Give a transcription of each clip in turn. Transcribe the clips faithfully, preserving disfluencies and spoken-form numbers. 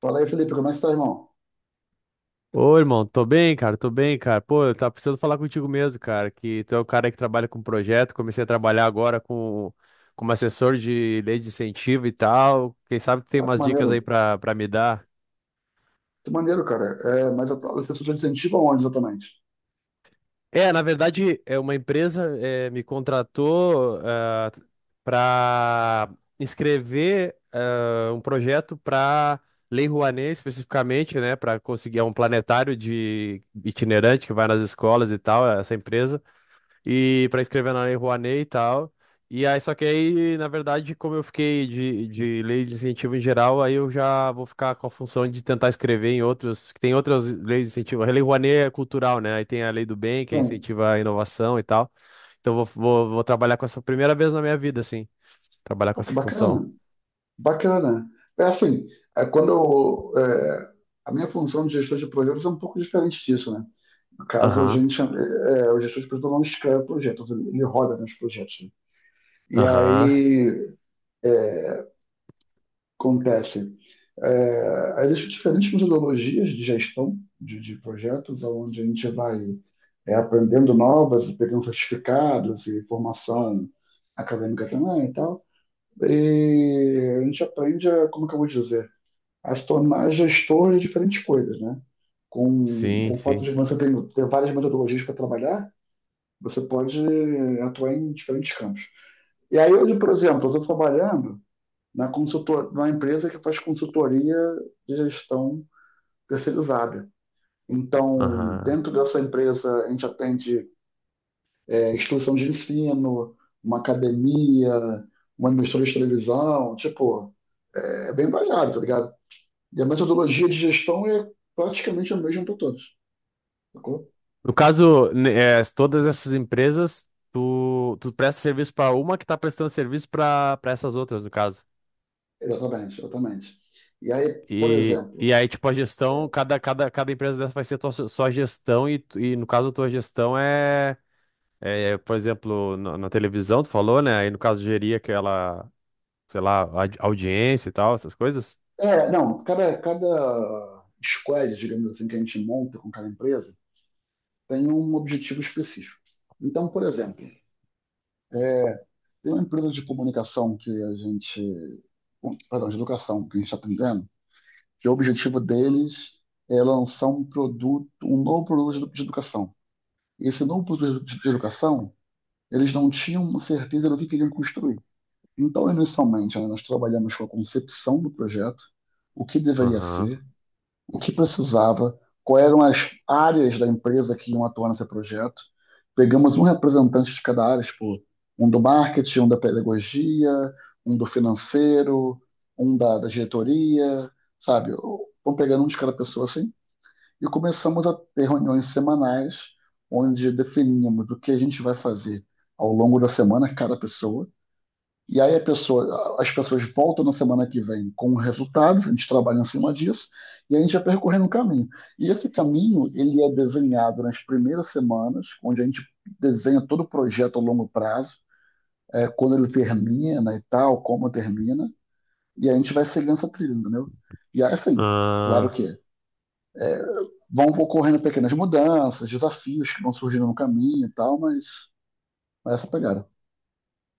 Fala aí, Felipe, como é que tá, irmão? Ô, irmão, tô bem, cara, tô bem, cara. Pô, eu tava precisando falar contigo mesmo, cara, que tu é o cara que trabalha com projeto, comecei a trabalhar agora com como assessor de lei de incentivo e tal. Quem sabe tu tem Ah, que umas dicas maneiro. aí pra, pra me dar? Que maneiro, cara. É, mas a tua licenciatura de incentivo aonde exatamente? É, na verdade, é uma empresa eh, me contratou para escrever ah, um projeto para Lei Rouanet, especificamente, né. Para conseguir é um planetário de itinerante que vai nas escolas e tal, essa empresa. E para escrever na Lei Rouanet e tal. E aí, só que aí, na verdade, como eu fiquei de, de leis de incentivo em geral, aí eu já vou ficar com a função de tentar escrever em outros, que tem outras leis de incentivo. A Lei Rouanet é cultural, né? Aí tem a Lei do Bem, que Tem. incentiva a inovação e tal. Então vou, vou, vou trabalhar com essa primeira vez na minha vida, assim, trabalhar com Pô, que essa função. bacana. Bacana. É assim, é, quando eu, é, a minha função de gestor de projetos é um pouco diferente disso, né? No caso, a Aham, gente, é, é, o gestor de projetos não escreve projetos, ele, ele roda nos projetos, né? E aham, aí, é, acontecem. É, existem diferentes metodologias de gestão de, de projetos, onde a gente vai é, aprendendo novas, pegando certificados e formação acadêmica também e tal. E a gente aprende, a, como que eu vou dizer, a se tornar gestor de diferentes coisas, né? Com, sim, com o fato sim, de você ter, ter várias metodologias para trabalhar, você pode atuar em diferentes campos. E aí hoje, por exemplo, eu estou trabalhando na consultor, na empresa que faz consultoria de gestão terceirizada. Então, aham. dentro dessa empresa, a gente atende é, instituição de ensino, uma academia, uma emissora de televisão, tipo, é é bem variado, tá ligado? E a metodologia de gestão é praticamente a mesma para todos, sacou? No caso, ne- eh, todas essas empresas, tu, tu presta serviço para uma que tá prestando serviço para para essas outras, no caso. Exatamente, exatamente. E aí, por E, exemplo, e aí, tipo, a gestão, cada, cada, cada empresa dessa vai ser tua, sua gestão, e, tu- e no caso, a tua gestão é, é, por exemplo, na, na televisão, tu falou, né? Aí, no caso, gerir aquela, sei lá, audi- audiência e tal, essas coisas. é, não, cada, cada squad, digamos assim, que a gente monta com cada empresa, tem um objetivo específico. Então, por exemplo, é, tem uma empresa de comunicação que a gente, perdão, de educação que a gente está atendendo, que o objetivo deles é lançar um produto, um novo produto de educação. Esse novo produto de educação, eles não tinham certeza do que queriam construir. Então, inicialmente, né, nós trabalhamos com a concepção do projeto, o que deveria Aham. ser, o que precisava, quais eram as áreas da empresa que iam atuar nesse projeto. Pegamos um representante de cada área, tipo, um do marketing, um da pedagogia, um do financeiro, um da, da diretoria, sabe? Vamos pegando um de cada pessoa assim e começamos a ter reuniões semanais onde definíamos o que a gente vai fazer ao longo da semana, cada pessoa, e aí a pessoa, as pessoas voltam na semana que vem com resultados, a gente trabalha em cima disso, e a gente vai percorrendo um caminho. E esse caminho, ele é desenhado nas primeiras semanas, onde a gente desenha todo o projeto a longo prazo, é, quando ele termina e tal, como termina, e a gente vai seguindo essa trilha, entendeu? E aí, assim, claro Ah, que vão ocorrendo pequenas mudanças, desafios que vão surgindo no caminho e tal, mas, mas essa pegada.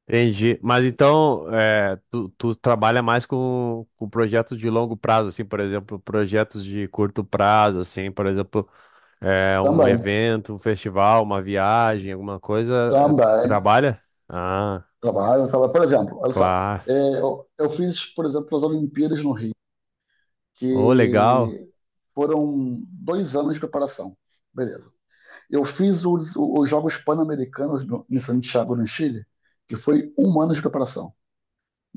entendi. Mas então, é, tu, tu trabalha mais com, com projetos de longo prazo, assim, por exemplo, projetos de curto prazo, assim, por exemplo, é, um Também, evento, um festival, uma viagem, alguma coisa, é, tu também. trabalha? Ah, Trabalho, trabalho. Por exemplo, olha só, claro. é, eu, eu fiz, por exemplo, as Olimpíadas no Rio, Oh, legal. que foram dois anos de preparação. Beleza. Eu fiz os, os Jogos Pan-Americanos no- em Santiago, no Chile, que foi um ano de preparação.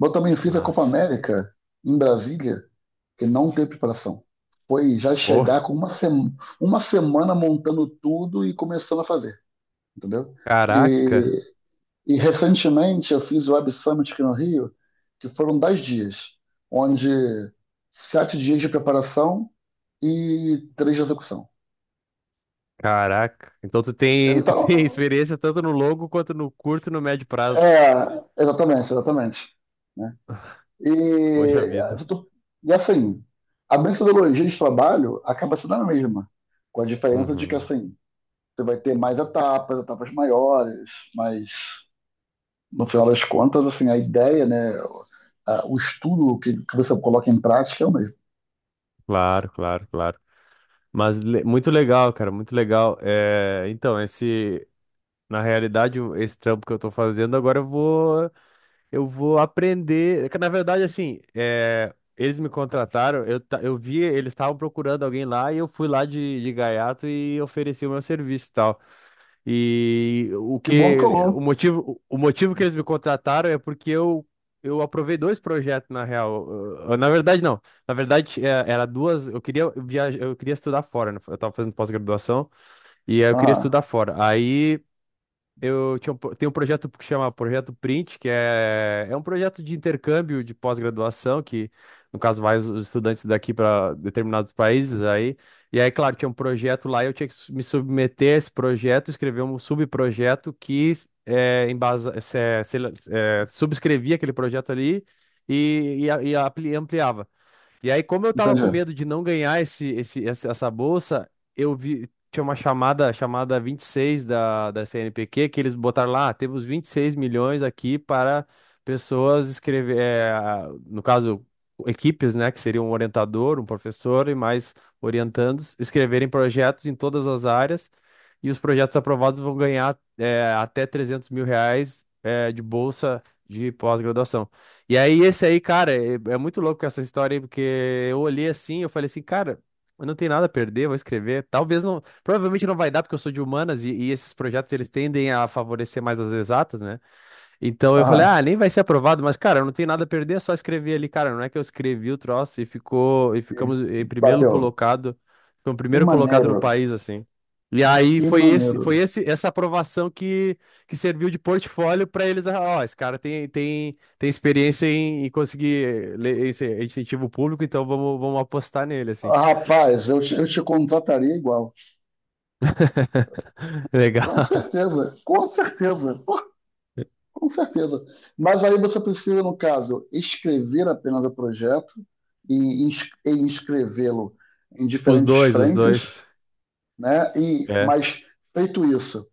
Eu também fiz a Copa Massa. América em Brasília, que não teve preparação. Foi já chegar Oh, com uma, sema- uma semana montando tudo e começando a fazer, entendeu? caraca, E recentemente eu fiz o Web Summit aqui no Rio, que foram dez dias, onde sete dias de preparação e três de execução. caraca. Então tu tem, tu tem Então, experiência tanto no longo quanto no curto e no médio prazo. é, exatamente, exatamente, né? E, Poxa vida. e assim, a metodologia de trabalho acaba sendo a mesma, com a diferença de que Uhum. assim, você vai ter mais etapas, etapas maiores, mas no final das contas, assim, a ideia, né, a- o estudo que, que você coloca em prática é o mesmo. Claro, claro, claro. Mas le- muito legal, cara, muito legal. É, então, esse, na realidade, o- esse trampo que eu tô fazendo, agora eu vou, eu vou aprender. É que, na verdade, assim, é, eles me contrataram, eu, ta- eu vi, eles estavam procurando alguém lá e eu fui lá de, de gaiato e ofereci o meu serviço e tal e o Que bom que que colou. o motivo, o motivo que eles me contrataram é porque eu eu aprovei dois projetos na real. Eu- eu- Na verdade não. Na verdade é, era duas, eu queria viajar, eu queria estudar fora, né? Eu tava fazendo pós-graduação e aí eu queria Aham, estudar fora. Aí eu tinha um, pro- tem um projeto que chama Projeto Print, que é, é um projeto de intercâmbio de pós-graduação, que no caso vai os os estudantes daqui para determinados países aí. E aí, claro, tinha um projeto lá, e eu tinha que su- me submeter a esse projeto, escrever um subprojeto que é, embasa, se- se- é, subscrevia aquele projeto ali e, e, a- e apli- ampliava. E aí, como eu tava com entendi. medo de não ganhar esse, esse, essa essa bolsa, eu vi. Tinha uma chamada, chamada vinte e seis da, da CNPq, que eles botaram lá: "Ah, temos 26 milhões aqui para pessoas escrever, eh, a- no caso, equipes, né, que seria um orientador, um professor e mais orientandos, escreverem projetos em todas as áreas, e os projetos aprovados vão ganhar, eh, até trezentos mil reais mil reais, eh, de bolsa de pós-graduação." E aí, esse aí, cara, é, é muito louco essa história aí, porque eu olhei assim, eu falei assim, cara, eu não tenho nada a perder, vou escrever. Talvez não, provavelmente não vai dar, porque eu sou de humanas e, e esses projetos eles tendem a favorecer mais as exatas, né? Então eu falei, Aham, ah, nem vai ser aprovado, mas cara, eu não tenho nada a perder, é só escrever ali, cara. Não é que eu escrevi o troço e ficou, e ficamos e em primeiro bateu. colocado, foi o Que primeiro colocado no maneiro, país, assim. E aí que foi esse, maneiro. foi esse, essa aprovação que, que serviu de portfólio para eles, ah, ó, esse cara tem, tem, tem experiência em, em conseguir le- esse incentivo público, então vamos, vamos apostar nele, assim. Rapaz, eu te, eu te contrataria igual. Com Legal. certeza, com certeza, com certeza. Mas aí você precisa, no caso, escrever apenas o projeto e, ins- e inscrevê-lo em Os diferentes dois, os frentes, dois. né? E, É, mas feito isso,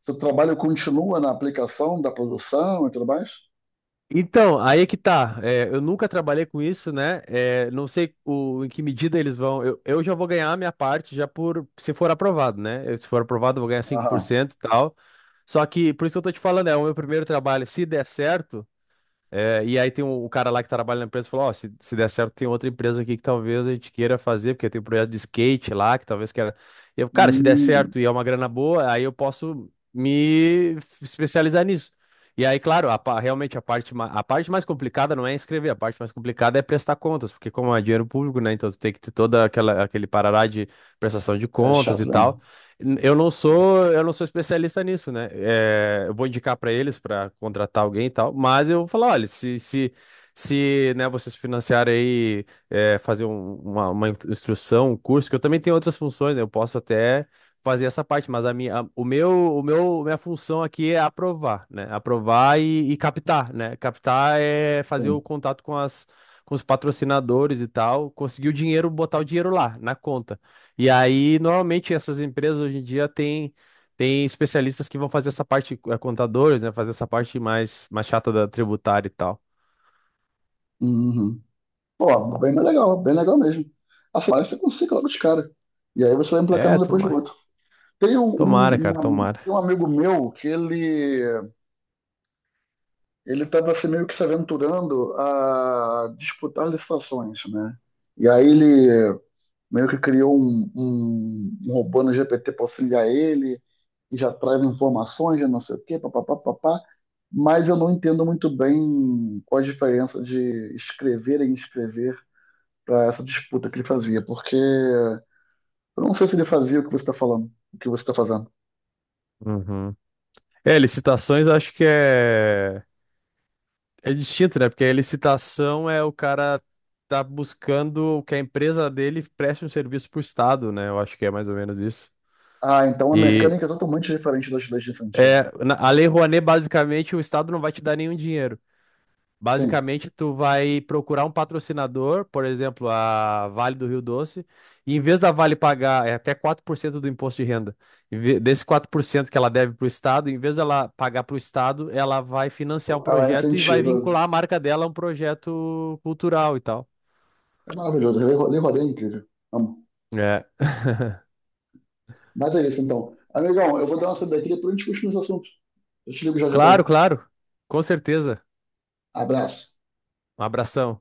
seu trabalho continua na aplicação da produção e tudo mais? então, aí é que tá. É, eu nunca trabalhei com isso, né? É, não sei o, em que medida eles vão. Eu, eu já vou ganhar a minha parte já por se for aprovado, né? Eu, se for aprovado, eu vou ganhar cinco por Aham. cento e tal. Só que, por isso que eu tô te falando, é o meu primeiro trabalho. Se der certo. É, e aí tem o, o cara lá que trabalha na empresa e falou, ó, se, se der certo tem outra empresa aqui que talvez a gente queira fazer, porque tem um projeto de skate lá, que talvez queira... Eu, cara, se der Hum, certo e é uma grana boa, aí eu posso me f- especializar nisso. E aí, claro, a, pa- realmente a parte, ma- a parte mais complicada não é escrever, a parte mais complicada é prestar contas, porque como é dinheiro público, né, então tu tem que ter toda aquela, aquele parará de prestação de é contas chato, e né? tal. N- Eu não sou, eu não sou especialista nisso, né? É, eu vou indicar para eles para contratar alguém e tal, mas eu vou falar, olha, se, se, se, né, vocês financiarem aí, é, fazer um- uma, uma instrução, um curso, que eu também tenho outras funções, né? Eu posso até fazer essa parte, mas a minha, a- o meu, o meu, minha função aqui é aprovar, né? Aprovar e, e captar, né? Captar é fazer o Sim. contato com as, com os patrocinadores e tal, conseguir o dinheiro, botar o dinheiro lá na conta. E aí, normalmente, essas empresas hoje em dia têm tem especialistas que vão fazer essa parte, eh, contadores, né? Fazer essa parte mais, mais chata da tributária e tal. Uhum. Pô, bem legal, bem legal mesmo. Assim, parece que você consegue logo de cara. E aí você vai emplacando É, um depois do tomara. outro. Tem um, Tomara, cara, um- um- tomara. tem um amigo meu que ele ele estava assim, meio que se aventurando a disputar licitações, né? E aí ele meio que criou um, um, um robô no G P T para auxiliar ele, e já traz informações, já não sei o quê, papapá, papá. Mas eu não entendo muito bem qual a diferença de escrever e inscrever para essa disputa que ele fazia, porque eu não sei se ele fazia o que você está falando, o que você está fazendo. Uhum. É, licitações eu acho que é, é distinto, né? Porque a licitação é o cara tá buscando que a empresa dele preste um serviço pro Estado, né? Eu acho que é mais ou menos isso. Ah, então a E mecânica é totalmente diferente das leis de incentivo. é, na- a Lei Rouanet, basicamente, o Estado não vai te dar nenhum dinheiro. Sim, Basicamente, tu vai procurar um patrocinador, por exemplo, a Vale do Rio Doce, e em vez da Vale pagar é até quatro por cento do imposto de renda, em ve- desse quatro por cento que ela deve para o Estado, em vez dela pagar para o Estado, ela vai financiar um ela é projeto e vai incentiva. vincular a marca dela a um projeto cultural e tal. É maravilhoso, Lei Rodé é incrível. Amo. É. Mas é isso, então. Amigão, eu vou dar uma saída aqui, depois a gente continua esse assunto. Eu te ligo já, Claro, Japão. claro. Com certeza. Abraço. Um abração.